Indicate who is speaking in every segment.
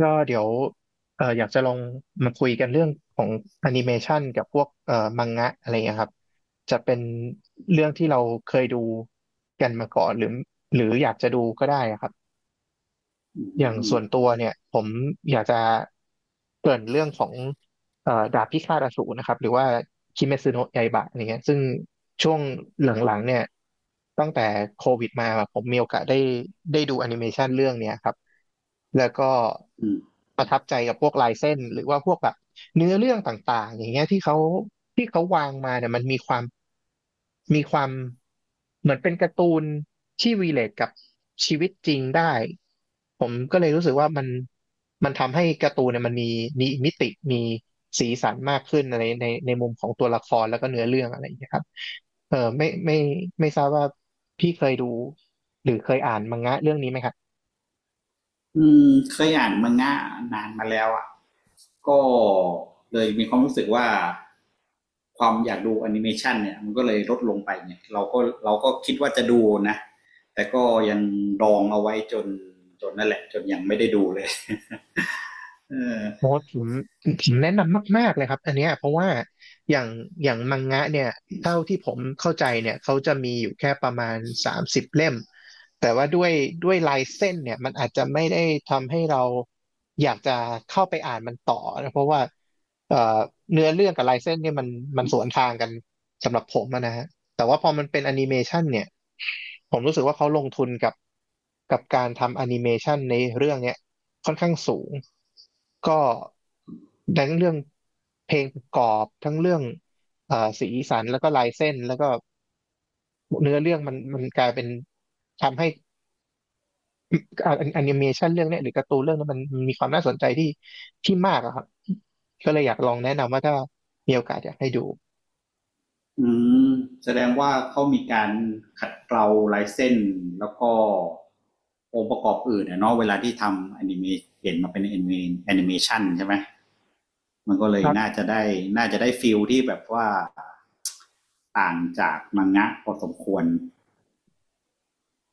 Speaker 1: ก็เดี๋ยวอยากจะลองมาคุยกันเรื่องของแอนิเมชันกับพวกมังงะอะไรเงี้ยครับจะเป็นเรื่องที่เราเคยดูกันมาก่อนหรืออยากจะดูก็ได้อะครับ
Speaker 2: อืม
Speaker 1: อย่าง
Speaker 2: อืม
Speaker 1: ส่วนตัวเนี่ยผมอยากจะเกริ่นเรื่องของดาบพิฆาตอสูรนะครับหรือว่าคิเมซึโนะไยบะอะไรเงี้ยซึ่งช่วงหลังๆเนี่ยตั้งแต่โควิดมาผมมีโอกาสได้ดูแอนิเมชันเรื่องเนี้ยครับแล้วก็ประทับใจกับพวกลายเส้นหรือว่าพวกแบบเนื้อเรื่องต่างๆอย่างเงี้ยที่เขาวางมาเนี่ยมันมีความเหมือนเป็นการ์ตูนที่วีเลทกับชีวิตจริงได้ผมก็เลยรู้สึกว่ามันทำให้การ์ตูนเนี่ยมันมีมิติมีสีสันมากขึ้นในมุมของตัวละครแล้วก็เนื้อเรื่องอะไรอย่างเงี้ยครับเออไม่ทราบว่าพี่เคยดูหรือเคยอ่านมังงะเรื่องนี้ไหมครับ
Speaker 2: อืมเคยอ่านมังงะนานมาแล้วอ่ะก็เลยมีความรู้สึกว่าความอยากดูแอนิเมชันเนี่ยมันก็เลยลดลงไปเนี่ยเราก็คิดว่าจะดูนะแต่ก็ยังดองเอาไว้จนนั่นแหละจนยังไม่ได้ดูเลยเออ
Speaker 1: โอ้ผมแนะนำมากๆเลยครับอันเนี้ยเพราะว่าอย่างอย่างมังงะเนี่ยเท่าที่ผมเข้าใจเนี่ยเขาจะมีอยู่แค่ประมาณ30 เล่มแต่ว่าด้วยลายเส้นเนี่ยมันอาจจะไม่ได้ทำให้เราอยากจะเข้าไปอ่านมันต่อนะเพราะว่าเอ่อเนื้อเรื่องกับลายเส้นเนี่ยมันสวนทางกันสำหรับผมอะนะฮะแต่ว่าพอมันเป็นแอนิเมชันเนี่ยผมรู้สึกว่าเขาลงทุนกับการทำแอนิเมชันในเรื่องเนี้ย ค่อนข้างสูงก็ทั้งเรื่องเพลงประกอบ ทั้งเรื่องสีสันแล้วก็ลายเส้น แล้วก็เนื้อเรื่องมันกลายเป็นทำให้แอนิเมชันเรื่องเนี้ยหรือการ์ตูนเรื่องนั้นมันมีความน่าสนใจที่มากอะครับก็เลยอยากลองแนะนำว่าถ้ามีโอกาสอยากให้ดู
Speaker 2: อืมแสดงว่าเขามีการขัดเกลาลายเส้นแล้วก็องค์ประกอบอื่นอะเนาะเวลาที่ทำแอนิเมเปลี่ยนมาเป็นแอนิเมชันใช่ไหมมันก็เลยน่าจะได้ฟิลที่แบบว่าต่างจากมังงะพอสมควร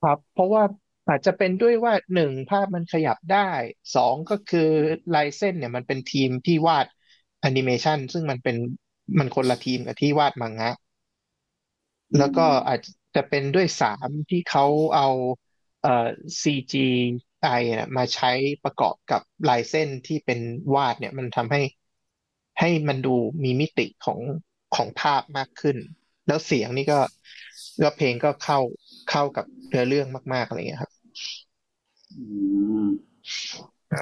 Speaker 1: ครับเพราะว่าอาจจะเป็นด้วยว่าหนึ่งภาพมันขยับได้สองก็คือลายเส้นเนี่ยมันเป็นทีมที่วาดแอนิเมชันซึ่งมันคนละทีมกับที่วาดมังงะ
Speaker 2: อื
Speaker 1: แล้วก็
Speaker 2: ม
Speaker 1: อาจจะเป็นด้วยสามที่เขาเอาเอ่อ CG อเนี่ยมาใช้ประกอบกับลายเส้นที่เป็นวาดเนี่ยมันทำให้มันดูมีมิติของภาพมากขึ้นแล้วเสียงนี่ก็เพลงก็เข้ากับเนื้อเรื่องมากๆอะไรเงี้ยครับ
Speaker 2: อืม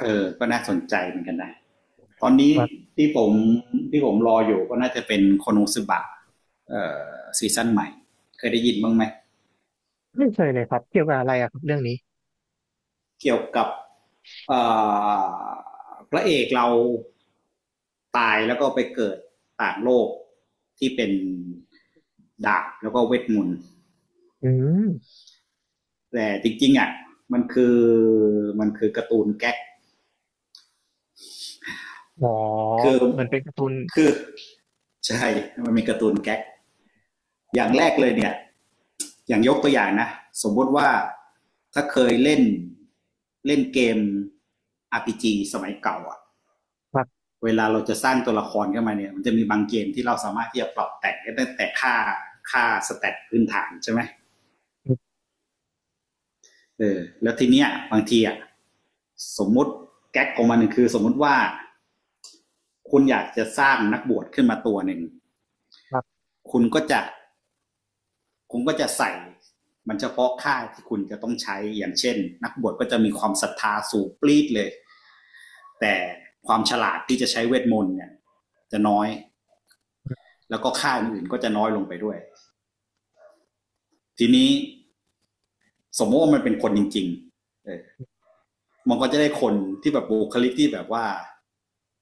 Speaker 2: เออก็น่าสนใจเหมือนกันนะตอนนี้
Speaker 1: ครับ
Speaker 2: ที่ผมที่ผมรออยู่ก็น่าจะเป็นโคโนซึบะเอ่อซีซั่นใหม่เคยได้ยินบ้างไหม
Speaker 1: ไม่เคยเลยครับเกี่ยวกับอะไรอะครับเรื่องนี้
Speaker 2: เกี่ยวกับพระเอกเราตายแล้วก็ไปเกิดต่างโลกที่เป็นดาบแล้วก็เวทมนต์
Speaker 1: อืม
Speaker 2: แต่จริงๆอ่ะมันคือมันคือการ์ตูนแก๊ก
Speaker 1: อ๋อ
Speaker 2: คือ
Speaker 1: เหมือนเป็นการ์ตูน
Speaker 2: คือใช่มันมีการ์ตูนแก๊กอย่างแรกเลยเนี่ยอย่างยกตัวอย่างนะสมมติว่าถ้าเคยเล่นเล่นเกม RPG สมัยเก่าอะ
Speaker 1: ครับ
Speaker 2: เวลาเราจะสร้างตัวละครขึ้นมาเนี่ยมันจะมีบางเกมที่เราสามารถที่จะปรับแต่งได้ตั้งแต่ค่าสแตทพื้นฐานใช่ไหมเออแล้วทีเนี้ยบางทีอ่ะสมมติแก๊กของมันหนึ่งคือสมมุติว่าคุณอยากจะสร้างนักบวชขึ้นมาตัวหนึ่ง
Speaker 1: ครับ
Speaker 2: คุณก็จะคุณก็จะใส่มันเฉพาะค่าที่คุณจะต้องใช้อย่างเช่นนักบวชก็จะมีความศรัทธาสูงปรีดเลยแต่ความฉลาดที่จะใช้เวทมนต์เนี่ยจะน้อยแล้วก็ค่าอื่นก็จะน้อยลงไปด้วยทีนี้ สมมติว่ามันเป็นคนจริงๆเออมันก็จะได้คนที่แบบบุคลิกที่แบบว่า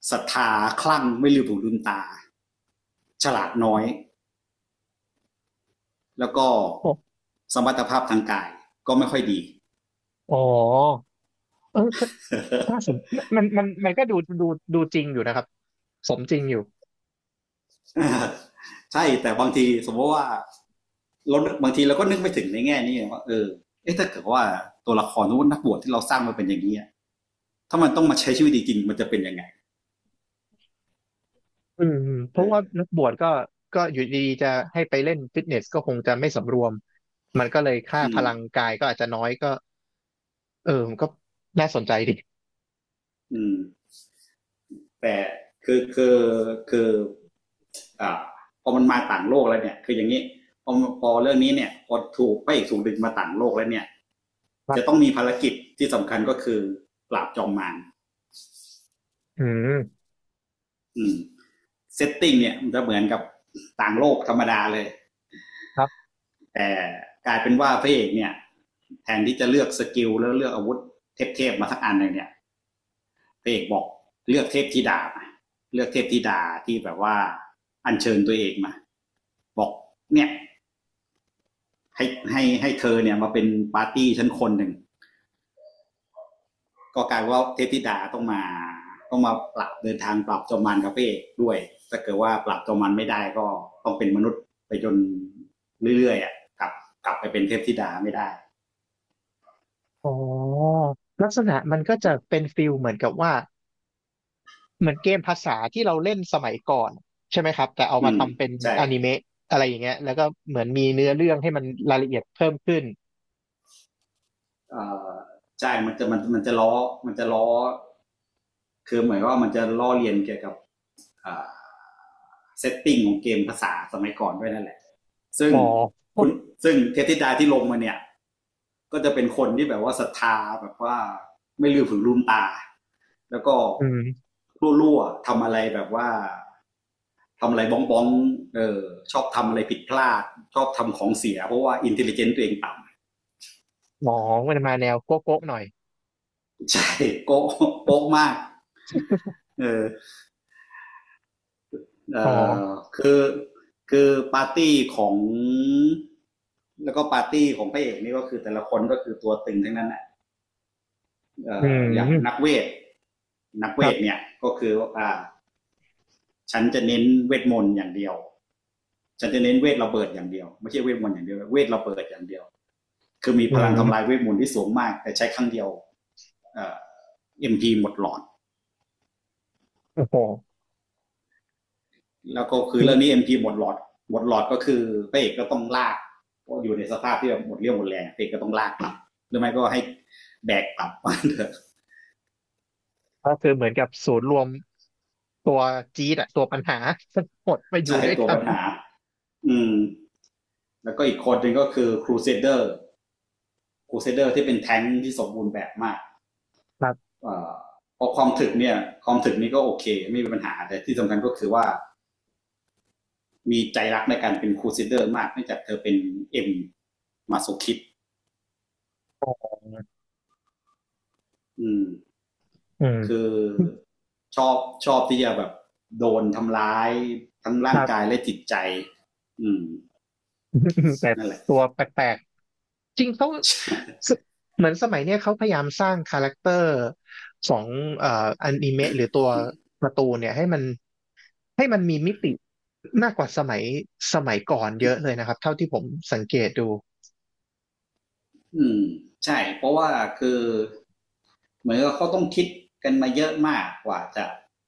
Speaker 2: ศรัทธาคลั่งไม่ลืมหูลืมตาฉลาดน้อยแล้วก็
Speaker 1: โอ้
Speaker 2: สมรรถภาพทางกายก็ไม่ค่อยดี
Speaker 1: อ๋อเออก็น่าส นมันก็ดูดูจริงอยู่นะครับสมจริงอยู่
Speaker 2: ใช่แต่บางทีสมมติว่าเราบางทีเราก็นึกไม่ถึงในแง่นี้ว่าเออเอ๊ะถ้าเกิดว่าตัวละครนักบวชที่เราสร้างมาเป็นอย่างนี้ถ้ามันต้องมาใช้ชีวิตจริงมันจะเป็นยังไง
Speaker 1: อืมอืมเพ
Speaker 2: เอ
Speaker 1: ราะว่า
Speaker 2: อ
Speaker 1: นักบวชก็ก็อยู่ดีๆจะให้ไปเล่นฟิตเนสก็คงจะไม่สำรวมมันก็เลยค่า
Speaker 2: อื
Speaker 1: พ
Speaker 2: ม
Speaker 1: ลังกายก็อาจจะน้อยก็เออมันก็น่าสนใจดี
Speaker 2: อืมแต่คือคือคือ อ่าพอมันมาต่างโลกแล้วเนี่ยคืออย่างนี้พอพอเรื่องนี้เนี่ยพอถูกพระเอกถูกดึงมาต่างโลกแล้วเนี่ย
Speaker 1: ครั
Speaker 2: จะต้
Speaker 1: บ
Speaker 2: องมีภารกิจที่สำคัญก็คือปราบจอมมาร
Speaker 1: อืม
Speaker 2: อืมเซตติ้งเนี่ยมันจะเหมือนกับต่างโลกธรรมดาเลย
Speaker 1: ครับ
Speaker 2: แต่กลายเป็นว่าพระเอกเนี่ยแทนที่จะเลือกสกิลแล้วเลือกอาวุธเทพๆมาสักอันหนึ่งเนี่ยพระเอกบอกเลือกเทพธิดามเลือกเทพธิดาที่แบบว่าอัญเชิญตัวเองมาบอกเนี่ยให้ให้เธอเนี่ยมาเป็นปาร์ตี้ชั้นคนหนึ่ง ก็กลายว่าเทพธิดาต้องมาปรับเดินทางปรับจอมมันกับพระเอกด้วยถ้าเกิดว่าปรับจอมมันไม่ได้ก็ต้องเป็นมนุษย์ไปจนเรื่อยๆอ่ะกลับกลับไปเป็นเทพธิดาไม่ได้
Speaker 1: อ๋อลักษณะมันก็จะเป็นฟิลเหมือนกับว่า เหมือนเกมภาษาที่เราเล่นสมัยก่อนใช่ไหมครับแต่เอามา
Speaker 2: อืม
Speaker 1: ทำเป็น
Speaker 2: ใช่
Speaker 1: อนิเมะอะไรอย่างเงี้ยแล้วก็เหมือนมีเนื้อเรื่องให้มันรายละเอียดเพิ่มขึ้น
Speaker 2: เอ่อใช่มันจะมันมันจะล้อมันจะล้อคือเหมือนว่ามันจะล้อเลียนเกี่ยวกับอ่าเซตติ้งของเกมภาษาสมัยก่อนด้วยนั่นแหละซึ่ง
Speaker 1: อ๋อ
Speaker 2: คุณซึ่งเทพธิดาที่ลงมาเนี่ยก็จะเป็นคนที่แบบว่าศรัทธาแบบว่าไม่ลืมถืนลืมตา แล้วก็
Speaker 1: อืม
Speaker 2: รั่วๆทำอะไรแบบว่าทำอะไรบ้องบ้องๆเออชอบทำอะไรผิดพลาดชอบทำของเสียเพราะว่าอินเทลลิเจนต์ตัวเองต่ำ
Speaker 1: อ๋อมันมาแนวโก๊ะๆหน่อย
Speaker 2: ใช่โก๊ะโก๊ะมากเออเอ
Speaker 1: อ๋อ
Speaker 2: อคือคือปาร์ตี้ของแล้วก็ปาร์ตี้ของพระเอกนี่ก็คือแต่ละคนก็คือตัวตึงทั้งนั้นอ่ะเอ
Speaker 1: อื
Speaker 2: ออย่า
Speaker 1: ม
Speaker 2: งนักเวทนักเว
Speaker 1: ครั
Speaker 2: ท
Speaker 1: บ
Speaker 2: เนี่ยก็คือวฉันจะเน้นเวทมนต์อย่างเดียวฉันจะเน้นเวทระเบิดอย่างเดียวไม่ใช่เวทมนต์อย่างเดียวเวทระเบิดอย่างเดียว คือมี
Speaker 1: อื
Speaker 2: พลังทำลาย
Speaker 1: ม
Speaker 2: เวทมนต์ที่สูงมากแต่ใช้ครั้งเดียวเอ่อ MP หมดหลอด
Speaker 1: โอ้โห
Speaker 2: แล้วก็คือ
Speaker 1: นี่
Speaker 2: เรื่องนี้ MP หมดหลอดก็คือพระเอกก็ต้องลากก็อยู่ในสภาพที่แบบหมดเรี่ยวหมดแรงพระเอกก็ต้องลากกลับหรือไม่ก็ให้แบกกลับมาเถอะ
Speaker 1: ก็คือเหมือนกับศูนย์รวมตัวจี๊ดอะตัวปัญหาทั้งหมดมา อ
Speaker 2: จะ
Speaker 1: ยู่
Speaker 2: ให้
Speaker 1: ด้วย
Speaker 2: ตัว
Speaker 1: กัน
Speaker 2: ปัญหาอืมแล้วก็อีกคนหนึ่งก็คือครูเซเดอร์ครูเซเดอร์ที่เป็นแท้งค์ที่สมบูรณ์แบบมาก
Speaker 1: ครับ
Speaker 2: เอ่อพอความถึกเนี่ยความถึกนี้ก็โอเคไม่มีปัญหาแต่ที่สำคัญก็คือว่า มีใจรักในการเป็นครูซิเดอร์มากเนื่องจากเธอเป็นเอ็มมาโซคิด
Speaker 1: อ๋อ
Speaker 2: อืม
Speaker 1: อื
Speaker 2: คื
Speaker 1: ม
Speaker 2: อชอบชอบที่จะแบบโดนทำร้ายทั้ง
Speaker 1: ค
Speaker 2: ร่าง
Speaker 1: รั
Speaker 2: กา
Speaker 1: บ
Speaker 2: ยและจิตใจอืม
Speaker 1: แต่
Speaker 2: นั่นแหละ
Speaker 1: ตัวแปลกๆ จริงเขาสเหมือนสมัยเนี้ยเขาพยายามสร้างคาแรคเตอร์ของเอ่ออนิเมะหรือตัวการ์ตูนเนี่ยให้มันมีมิติมากกว่าสมัยก่อนเยอะเลยนะครับเท่าที่ผมสังเกตดู
Speaker 2: อืมใช่เพราะว่าคือเหมือนกับเขาต้องคิดกันมาเยอะมากกว่าจะ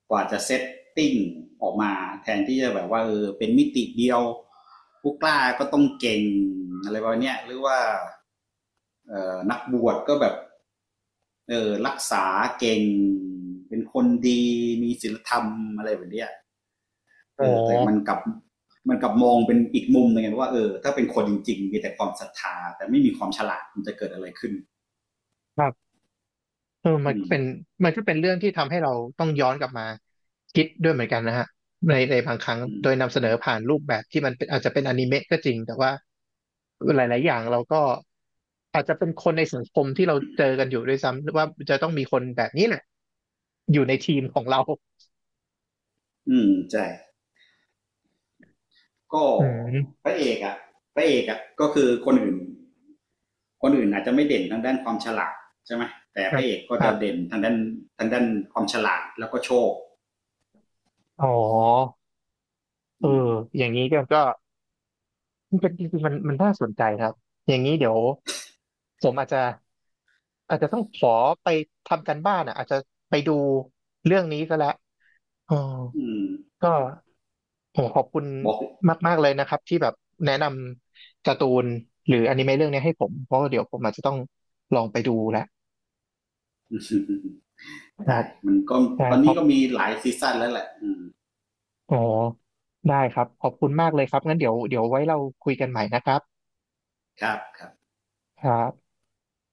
Speaker 2: กว่าจะเซตติ้งออกมาแทนที่จะแบบว่าเออเป็นมิติเดียวผู้กล้าก็ต้องเก่งอะไรประมาณเนี้ยหรือว่านักบวชก็แบบ เออรักษาเก่งเป็นคนดีมีศีลธรรมอะไรแบบเนี้ย
Speaker 1: อ๋
Speaker 2: เอ
Speaker 1: อ
Speaker 2: อแต่มันกลับมองเป็นอีกมุมหนึงไงว่าเออถ้าเป็นคนจริงๆมีแต่ความศรัทธาแต่ไม่มีความฉลาดมันจะเกิดอะไรขึ้น
Speaker 1: ครับเออมัน
Speaker 2: อื
Speaker 1: ก็
Speaker 2: ม
Speaker 1: เป็นมันก็เป็นเรื่องที่ทำให้เราต้องย้อนกลับมาคิดด้วยเหมือนกันนะฮะในในบางครั้ง
Speaker 2: อืม
Speaker 1: โดยนำเสนอผ่านรูปแบบที่มันเป็นอาจจะเป็นอนิเมะก็จริงแต่ว่า หลาย ๆอย่างเราก็อาจจะเป็นคนในสังคมที่เราเจอกันอยู่ด้วยซ้ำหรือว่าจะต้องมีคนแบบนี้แหละอยู่ในทีมของเรา
Speaker 2: อืมใช่ก็
Speaker 1: อืม
Speaker 2: พระเอกอะพระเอกอะก็คือคนอื่นอาจจะไม่เด่นทางด้านความฉลาดใช่ไหมแต่
Speaker 1: ค
Speaker 2: พ
Speaker 1: รั
Speaker 2: ระ
Speaker 1: บ
Speaker 2: เอกก็
Speaker 1: ครั
Speaker 2: จะเด่
Speaker 1: บ
Speaker 2: นทางด้านความฉลาดแล้วก็โชค
Speaker 1: อ๋อเออ
Speaker 2: อืม
Speaker 1: อย่างนี้ก็มันเป็นจริงๆมันมันน่าสนใจครับอย่างนี้เดี๋ยวผมอาจจะต้องขอไปทำการบ้านอ่ะอาจจะไปดูเรื่องนี้ก็แล้วอ๋อ
Speaker 2: อืม
Speaker 1: ก็ โอ้ขอบคุณ
Speaker 2: บอก
Speaker 1: มากๆเลยนะครับที่แบบแนะนำการ์ตูนหรืออนิเมะเรื่องนี้ให้ผมเพราะว่าเดี๋ยวผมอาจจะต้องลองไปดูแหละ ครั
Speaker 2: ได้
Speaker 1: บ
Speaker 2: มันก็
Speaker 1: ได้
Speaker 2: ตอน
Speaker 1: ค
Speaker 2: นี้
Speaker 1: รับ
Speaker 2: ก็มีหลายซีซั่นแล้วแหละอืม
Speaker 1: อ๋อได้ครับขอบคุณมากเลยครับงั้นเดี๋ยวไว้เราคุยกันใหม่นะครับ
Speaker 2: ครับครับ
Speaker 1: ครับ